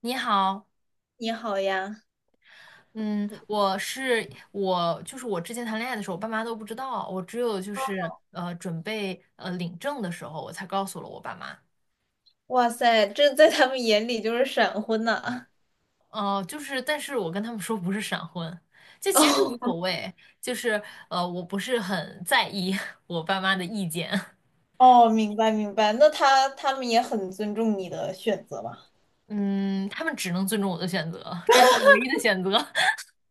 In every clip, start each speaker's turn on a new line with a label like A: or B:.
A: 你好，
B: 你好呀。
A: 嗯，我是我，就是我之前谈恋爱的时候，我爸妈都不知道，我只有就是准备领证的时候，我才告诉了我爸妈。
B: 哇塞，这在他们眼里就是闪婚呐。
A: 哦，就是，但是我跟他们说不是闪婚，这其实无
B: 哦
A: 所谓，就是我不是很在意 我爸妈的意见，
B: 哦。明白明白。那他们也很尊重你的选择吧？
A: 嗯，他们只能尊重我的选择，这是我唯一的选择。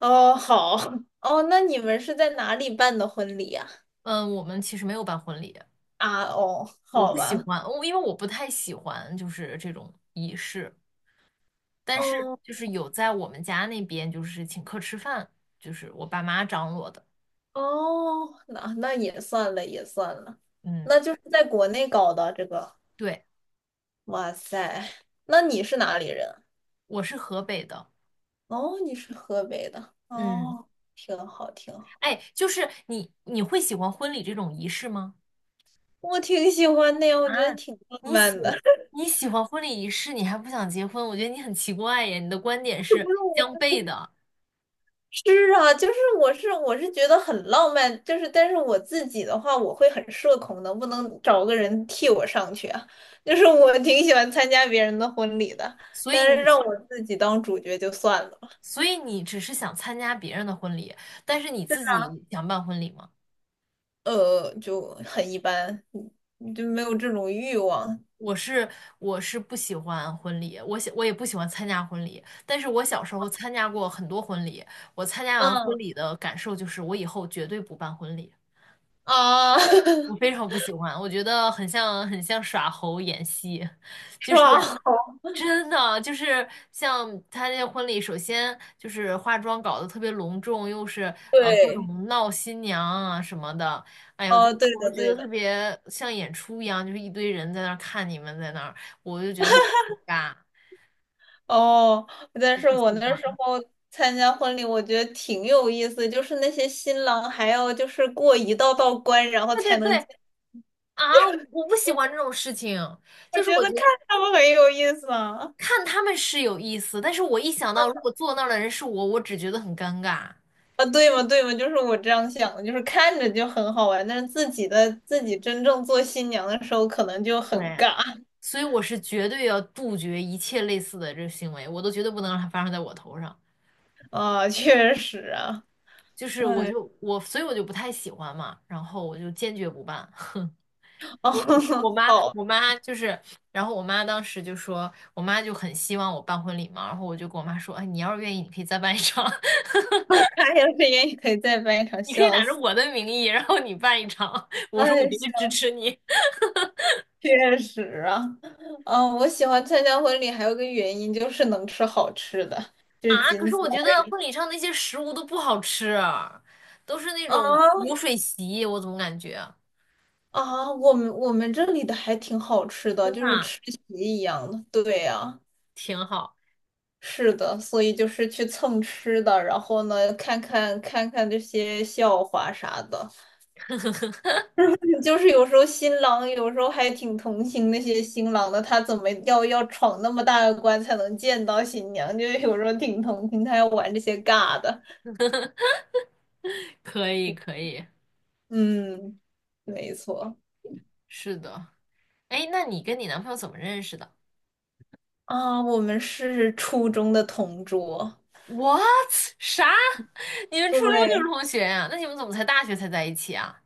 B: 哦，好。哦，那你们是在哪里办的婚礼呀？
A: 嗯，我们其实没有办婚礼，
B: 啊？哦，
A: 我
B: 好
A: 不喜
B: 吧。
A: 欢，因为我不太喜欢就是这种仪式。但是
B: 哦
A: 就是有在我们家那边就是请客吃饭，就是我爸妈张罗的。
B: 哦。那那也算了也算了。
A: 嗯，
B: 那就是在国内搞的这个。
A: 对，
B: 哇塞。那你是哪里人？
A: 我是河北的。
B: 哦，你是河北的，
A: 嗯，
B: 哦。挺好挺好。
A: 哎，就是你会喜欢婚礼这种仪式吗？
B: 我挺喜欢的呀，我觉得
A: 啊，
B: 挺浪
A: 你喜
B: 漫的。
A: 你喜欢婚礼仪式，你还不想结婚？我觉得你很奇怪耶，你的观点
B: 是不
A: 是
B: 是
A: 相
B: 我
A: 悖的，
B: 是啊，就是我是觉得很浪漫，就是但是我自己的话，我会很社恐能不能找个人替我上去啊。就是我挺喜欢参加别人的婚礼的，
A: 所以
B: 但是
A: 你
B: 让我自己当主角就算了。
A: 所以你只是想参加别人的婚礼，但是你自己想办婚礼吗？
B: 就很一般。就没有这种欲望。
A: 我是我是不喜欢婚礼，我也不喜欢参加婚礼。但是我小时候参加过很多婚礼，我参加完婚
B: 嗯。
A: 礼的感受就是，我以后绝对不办婚礼。
B: 啊。
A: 我非 常不喜欢，我觉得很像耍猴演戏，就
B: 是
A: 是
B: 吧？
A: 真的就是像他那个婚礼，首先就是化妆搞得特别隆重，又是各
B: 对。
A: 种闹新娘啊什么的，哎呦，就
B: 哦，
A: 是
B: 对
A: 我就
B: 的，
A: 觉得
B: 对
A: 特
B: 的。
A: 别像演出一样，就是一堆人在那儿看你们在那儿，我就觉得很尬，
B: 哦，但
A: 我
B: 是
A: 不喜
B: 我那时
A: 欢。
B: 候参加婚礼，我觉得挺有意思，就是那些新郎还要就是过一道道关，然后
A: 对
B: 才
A: 对
B: 能进。
A: 对啊，我不喜欢这种事情，
B: 我
A: 就是
B: 觉得
A: 我觉
B: 看
A: 得。
B: 他们很有意思啊。
A: 看他们是有意思，但是我一想到如果坐那儿的人是我，我只觉得很尴尬，
B: 啊，对嘛对嘛，就是我这样想的，就是看着就很好玩，但是自己的自己真正做新娘的时候，可能就很尬
A: 所以我是绝对要杜绝一切类似的这个行为，我都绝对不能让它发生在我头上。
B: 啊。确实啊。
A: 就是我
B: 哎。
A: 就我，所以我就不太喜欢嘛，然后我就坚决不办。
B: 哦。
A: 我妈
B: 好。
A: 我妈就是，然后我妈当时就说，我妈就很希望我办婚礼嘛，然后我就跟我妈说，哎，你要是愿意，你可以再办一场，
B: 他要是也可以再办一场，
A: 你可以
B: 笑
A: 打着
B: 死。
A: 我的名义，然后你办一场，我说我
B: 哎。
A: 绝对支持你。
B: 确实啊。嗯，我喜欢参加婚礼还有个原因就是能吃好吃的，就是
A: 啊，可
B: 仅
A: 是
B: 此。
A: 我觉得婚礼上那些食物都不好吃，都是那种
B: 啊。
A: 流水席，我怎么感觉
B: 啊，我们这里的还挺好吃的，
A: 真的
B: 就是
A: 啊
B: 吃席一样的。对呀。
A: 挺好？
B: 是的，所以就是去蹭吃的，然后呢，看看这些笑话啥的，就是有时候新郎有时候还挺同情那些新郎的，他怎么要闯那么大个关才能见到新娘，就是有时候挺同情他要玩这些尬的。
A: 可以，可以，
B: 嗯，没错。
A: 是的。哎，那你跟你男朋友怎么认识的
B: 啊，我们是初中的同桌。
A: ？What？啥？你们初中就是
B: 对。
A: 同学呀？那你们怎么才大学才在一起啊？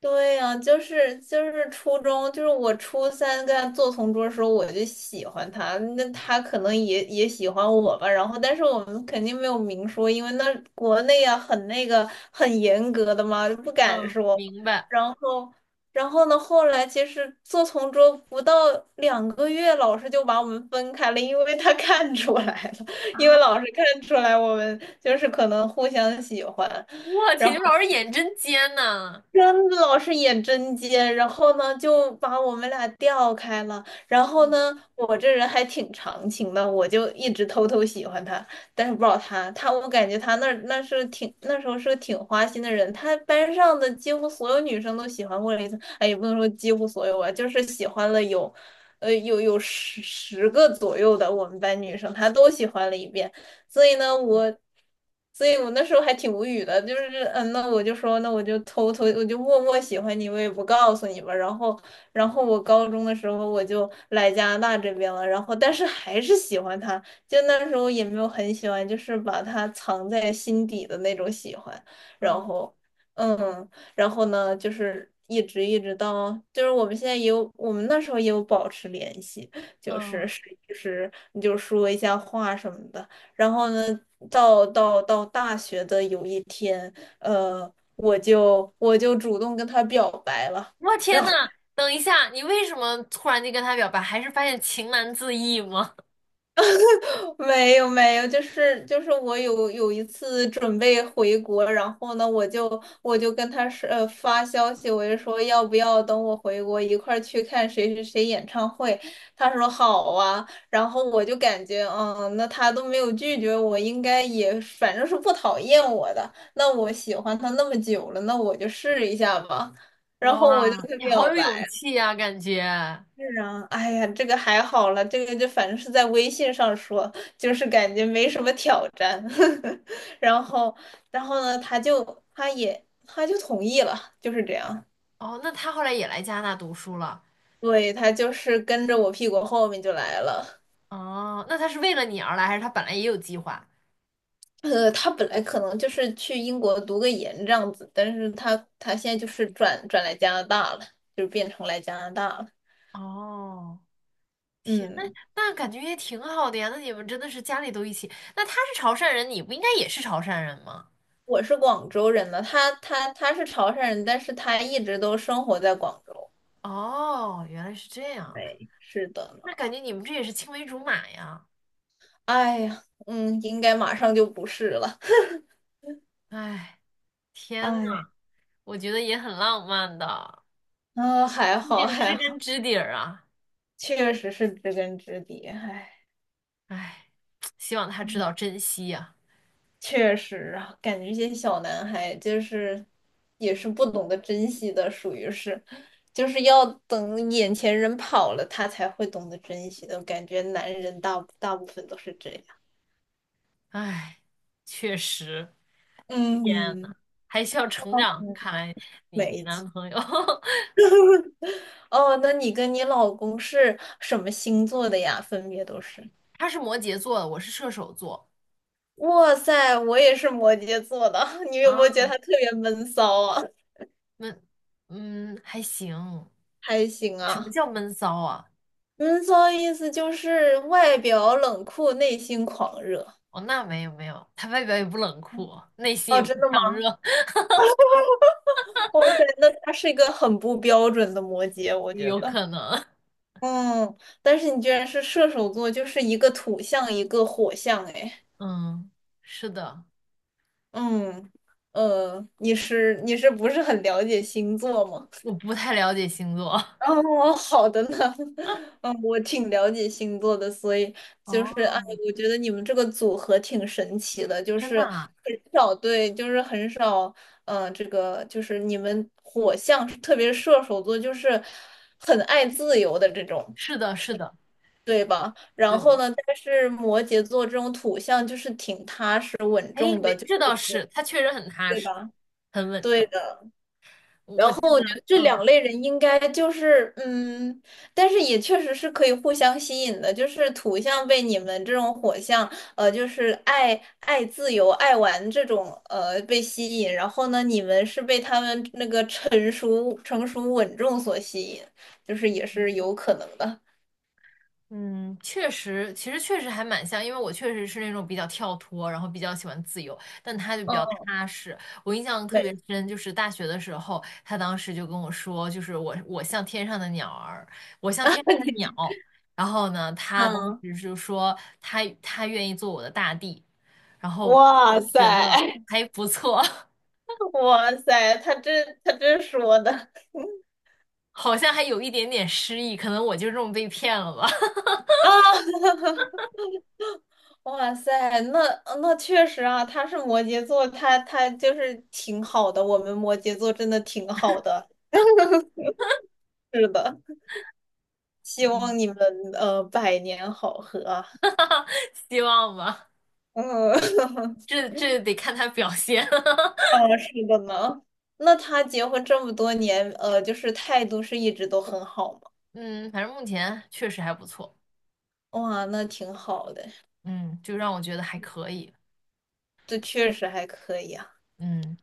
B: 对呀，就是初中，就是我初三跟他做同桌的时候，我就喜欢他，那他可能也喜欢我吧。然后，但是我们肯定没有明说，因为那国内啊很那个很严格的嘛，就不敢
A: 嗯，
B: 说。
A: 明白。
B: 然后。然后呢，后来其实做同桌不到两个月，老师就把我们分开了，因为他看出来了，因为
A: 啊，
B: 老师看出来我们就是可能互相喜欢。
A: 我天，
B: 然
A: 你们
B: 后。
A: 老师眼真尖呐！
B: 真的老是演针尖，然后呢就把我们俩调开了。然后呢，我这人还挺长情的，我就一直偷偷喜欢他，但是不知道他，他我感觉他那儿那是挺那时候是个挺花心的人，他班上的几乎所有女生都喜欢过了一次。哎，也不能说几乎所有吧，就是喜欢了有，有十个左右的我们班女生，他都喜欢了一遍。所以呢，所以我那时候还挺无语的，就是，嗯，那我就说，那我就偷偷，我就默默喜欢你，我也不告诉你吧。然后。然后我高中的时候我就来加拿大这边了，然后但是还是喜欢他，就那时候也没有很喜欢，就是把他藏在心底的那种喜欢。然
A: 嗯
B: 后。嗯。然后呢，就是一直一直到，就是我们现在也有，我们那时候也有保持联系。就是
A: 嗯，
B: 是就是你就说一下话什么的。然后呢，到大学的有一天。我就主动跟他表白了。
A: 我
B: 然
A: 天呐，
B: 后。
A: 等一下，你为什么突然就跟他表白？还是发现情难自抑吗？
B: 没有没有，就是我有一次准备回国，然后呢，我就跟他说发消息，我就说要不要等我回国一块儿去看谁谁谁演唱会。他说好啊，然后我就感觉嗯，那他都没有拒绝我，应该也反正是不讨厌我的，那我喜欢他那么久了，那我就试一下吧。然后我就
A: 哇，
B: 跟他
A: 你好
B: 表
A: 有
B: 白
A: 勇气啊，感觉。
B: 是啊。哎呀，这个还好了，这个就反正是在微信上说，就是感觉没什么挑战。然后。然后呢，他就同意了，就是这样。
A: 哦，那他后来也来加拿大读书了。
B: 对，他就是跟着我屁股后面就来了。
A: 哦，那他是为了你而来，还是他本来也有计划？
B: 他本来可能就是去英国读个研这样子，但是他现在就是转来加拿大了，就变成来加拿大了。
A: 哦，
B: 嗯。
A: 那感觉也挺好的呀。那你们真的是家里都一起。那他是潮汕人，你不应该也是潮汕人吗？
B: 我是广州人呢，他是潮汕人，但是他一直都生活在广州。
A: 哦，原来是这样。
B: 哎，是的
A: 那
B: 呢。
A: 感觉你们这也是青梅竹马呀。
B: 哎呀，嗯，应该马上就不是了。
A: 哎，
B: 哎。
A: 我觉得也很浪漫的，
B: 啊，还
A: 毕
B: 好
A: 竟
B: 还
A: 知
B: 好。
A: 根知底儿啊。
B: 确实是知根知底。哎。
A: 哎，希望他知
B: 嗯
A: 道珍惜呀。
B: 确实啊，感觉这些小男孩就是也是不懂得珍惜的，属于是，就是要等眼前人跑了，他才会懂得珍惜的。我感觉男人大部分都是这样。
A: 哎，确实。
B: 嗯
A: 天呐，
B: 嗯
A: 还需要成长。
B: 嗯，
A: 看来你
B: 没
A: 男
B: 错。
A: 朋友
B: 哦，那你跟你老公是什么星座的呀？分别都是。
A: 他是摩羯座的，我是射手座。
B: 哇塞，我也是摩羯座的，你有没有觉
A: 啊，
B: 得他特别闷骚啊？
A: 闷，嗯，还行。
B: 还行
A: 什么
B: 啊。
A: 叫闷骚啊？
B: 闷骚意思就是外表冷酷，内心狂热。
A: 哦，那没有没有，他外表也不冷酷，内心
B: 哦，
A: 也不
B: 真的吗？
A: 强热，
B: 哇塞，那他是一个很不标准的摩羯，我觉
A: 有
B: 得。
A: 可能。
B: 嗯，但是你居然是射手座，就是一个土象，一个火象，哎。
A: 嗯，是的，
B: 嗯。你是不是很了解星座吗？
A: 我不太了解星座。
B: 哦，哦好的呢。嗯，我挺了解星座的，所以就
A: 哦，
B: 是。哎，我觉得你们这个组合挺神奇的，就
A: 真
B: 是
A: 的啊？
B: 很少对，就是很少。嗯、这个就是你们火象，特别是射手座，就是很爱自由的这种。
A: 是的，是的，
B: 对吧？然
A: 对。
B: 后呢，但是摩羯座这种土象就是挺踏实稳
A: 哎，
B: 重的，
A: 没，
B: 就是
A: 这
B: 我
A: 倒是，他确实很踏
B: 对
A: 实，
B: 吧？
A: 很稳
B: 对
A: 重。
B: 的。
A: 我记得，
B: 这
A: 嗯。
B: 两类人应该就是，嗯，但是也确实是可以互相吸引的，就是土象被你们这种火象，就是爱自由、爱玩这种。被吸引，然后呢，你们是被他们那个成熟、成熟稳重所吸引，就是也是有可能的。
A: 嗯，确实，其实确实还蛮像，因为我确实是那种比较跳脱，然后比较喜欢自由，但他就比较
B: 嗯，
A: 踏实。我印象特
B: 没。
A: 别深，就是大学的时候，他当时就跟我说，就是我像天上的鸟儿，我像天上的鸟。然后呢，他当
B: 嗯。
A: 时就说他愿意做我的大地，然后
B: 哇
A: 我就
B: 塞。
A: 觉得还不错，
B: 哇塞，他这说的
A: 好像还有一点点诗意，可能我就这么被骗了吧，
B: 啊。哇塞，那那确实啊，他是摩羯座，他就是挺好的，我们摩羯座真的挺好的。是的，希望你 们百年好合啊。
A: 希望吧，
B: 嗯。
A: 这这得看他表现。
B: 哦，是的呢。那他结婚这么多年，就是态度是一直都很好吗？
A: 嗯，反正目前确实还不错，
B: 哇，那挺好的。
A: 嗯，就让我觉得还可以，
B: 这确实还可以啊。
A: 嗯，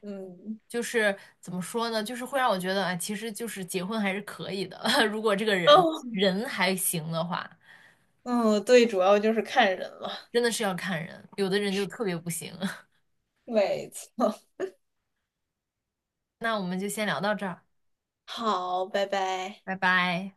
B: 嗯。
A: 就是怎么说呢，就是会让我觉得，哎，其实就是结婚还是可以的，如果这个人
B: 哦。
A: 人还行的话，
B: 嗯，对，主要就是看人了。
A: 真的是要看人，有的人就特别不行。
B: 没错。
A: 那我们就先聊到这儿，
B: 好，拜拜。
A: 拜拜。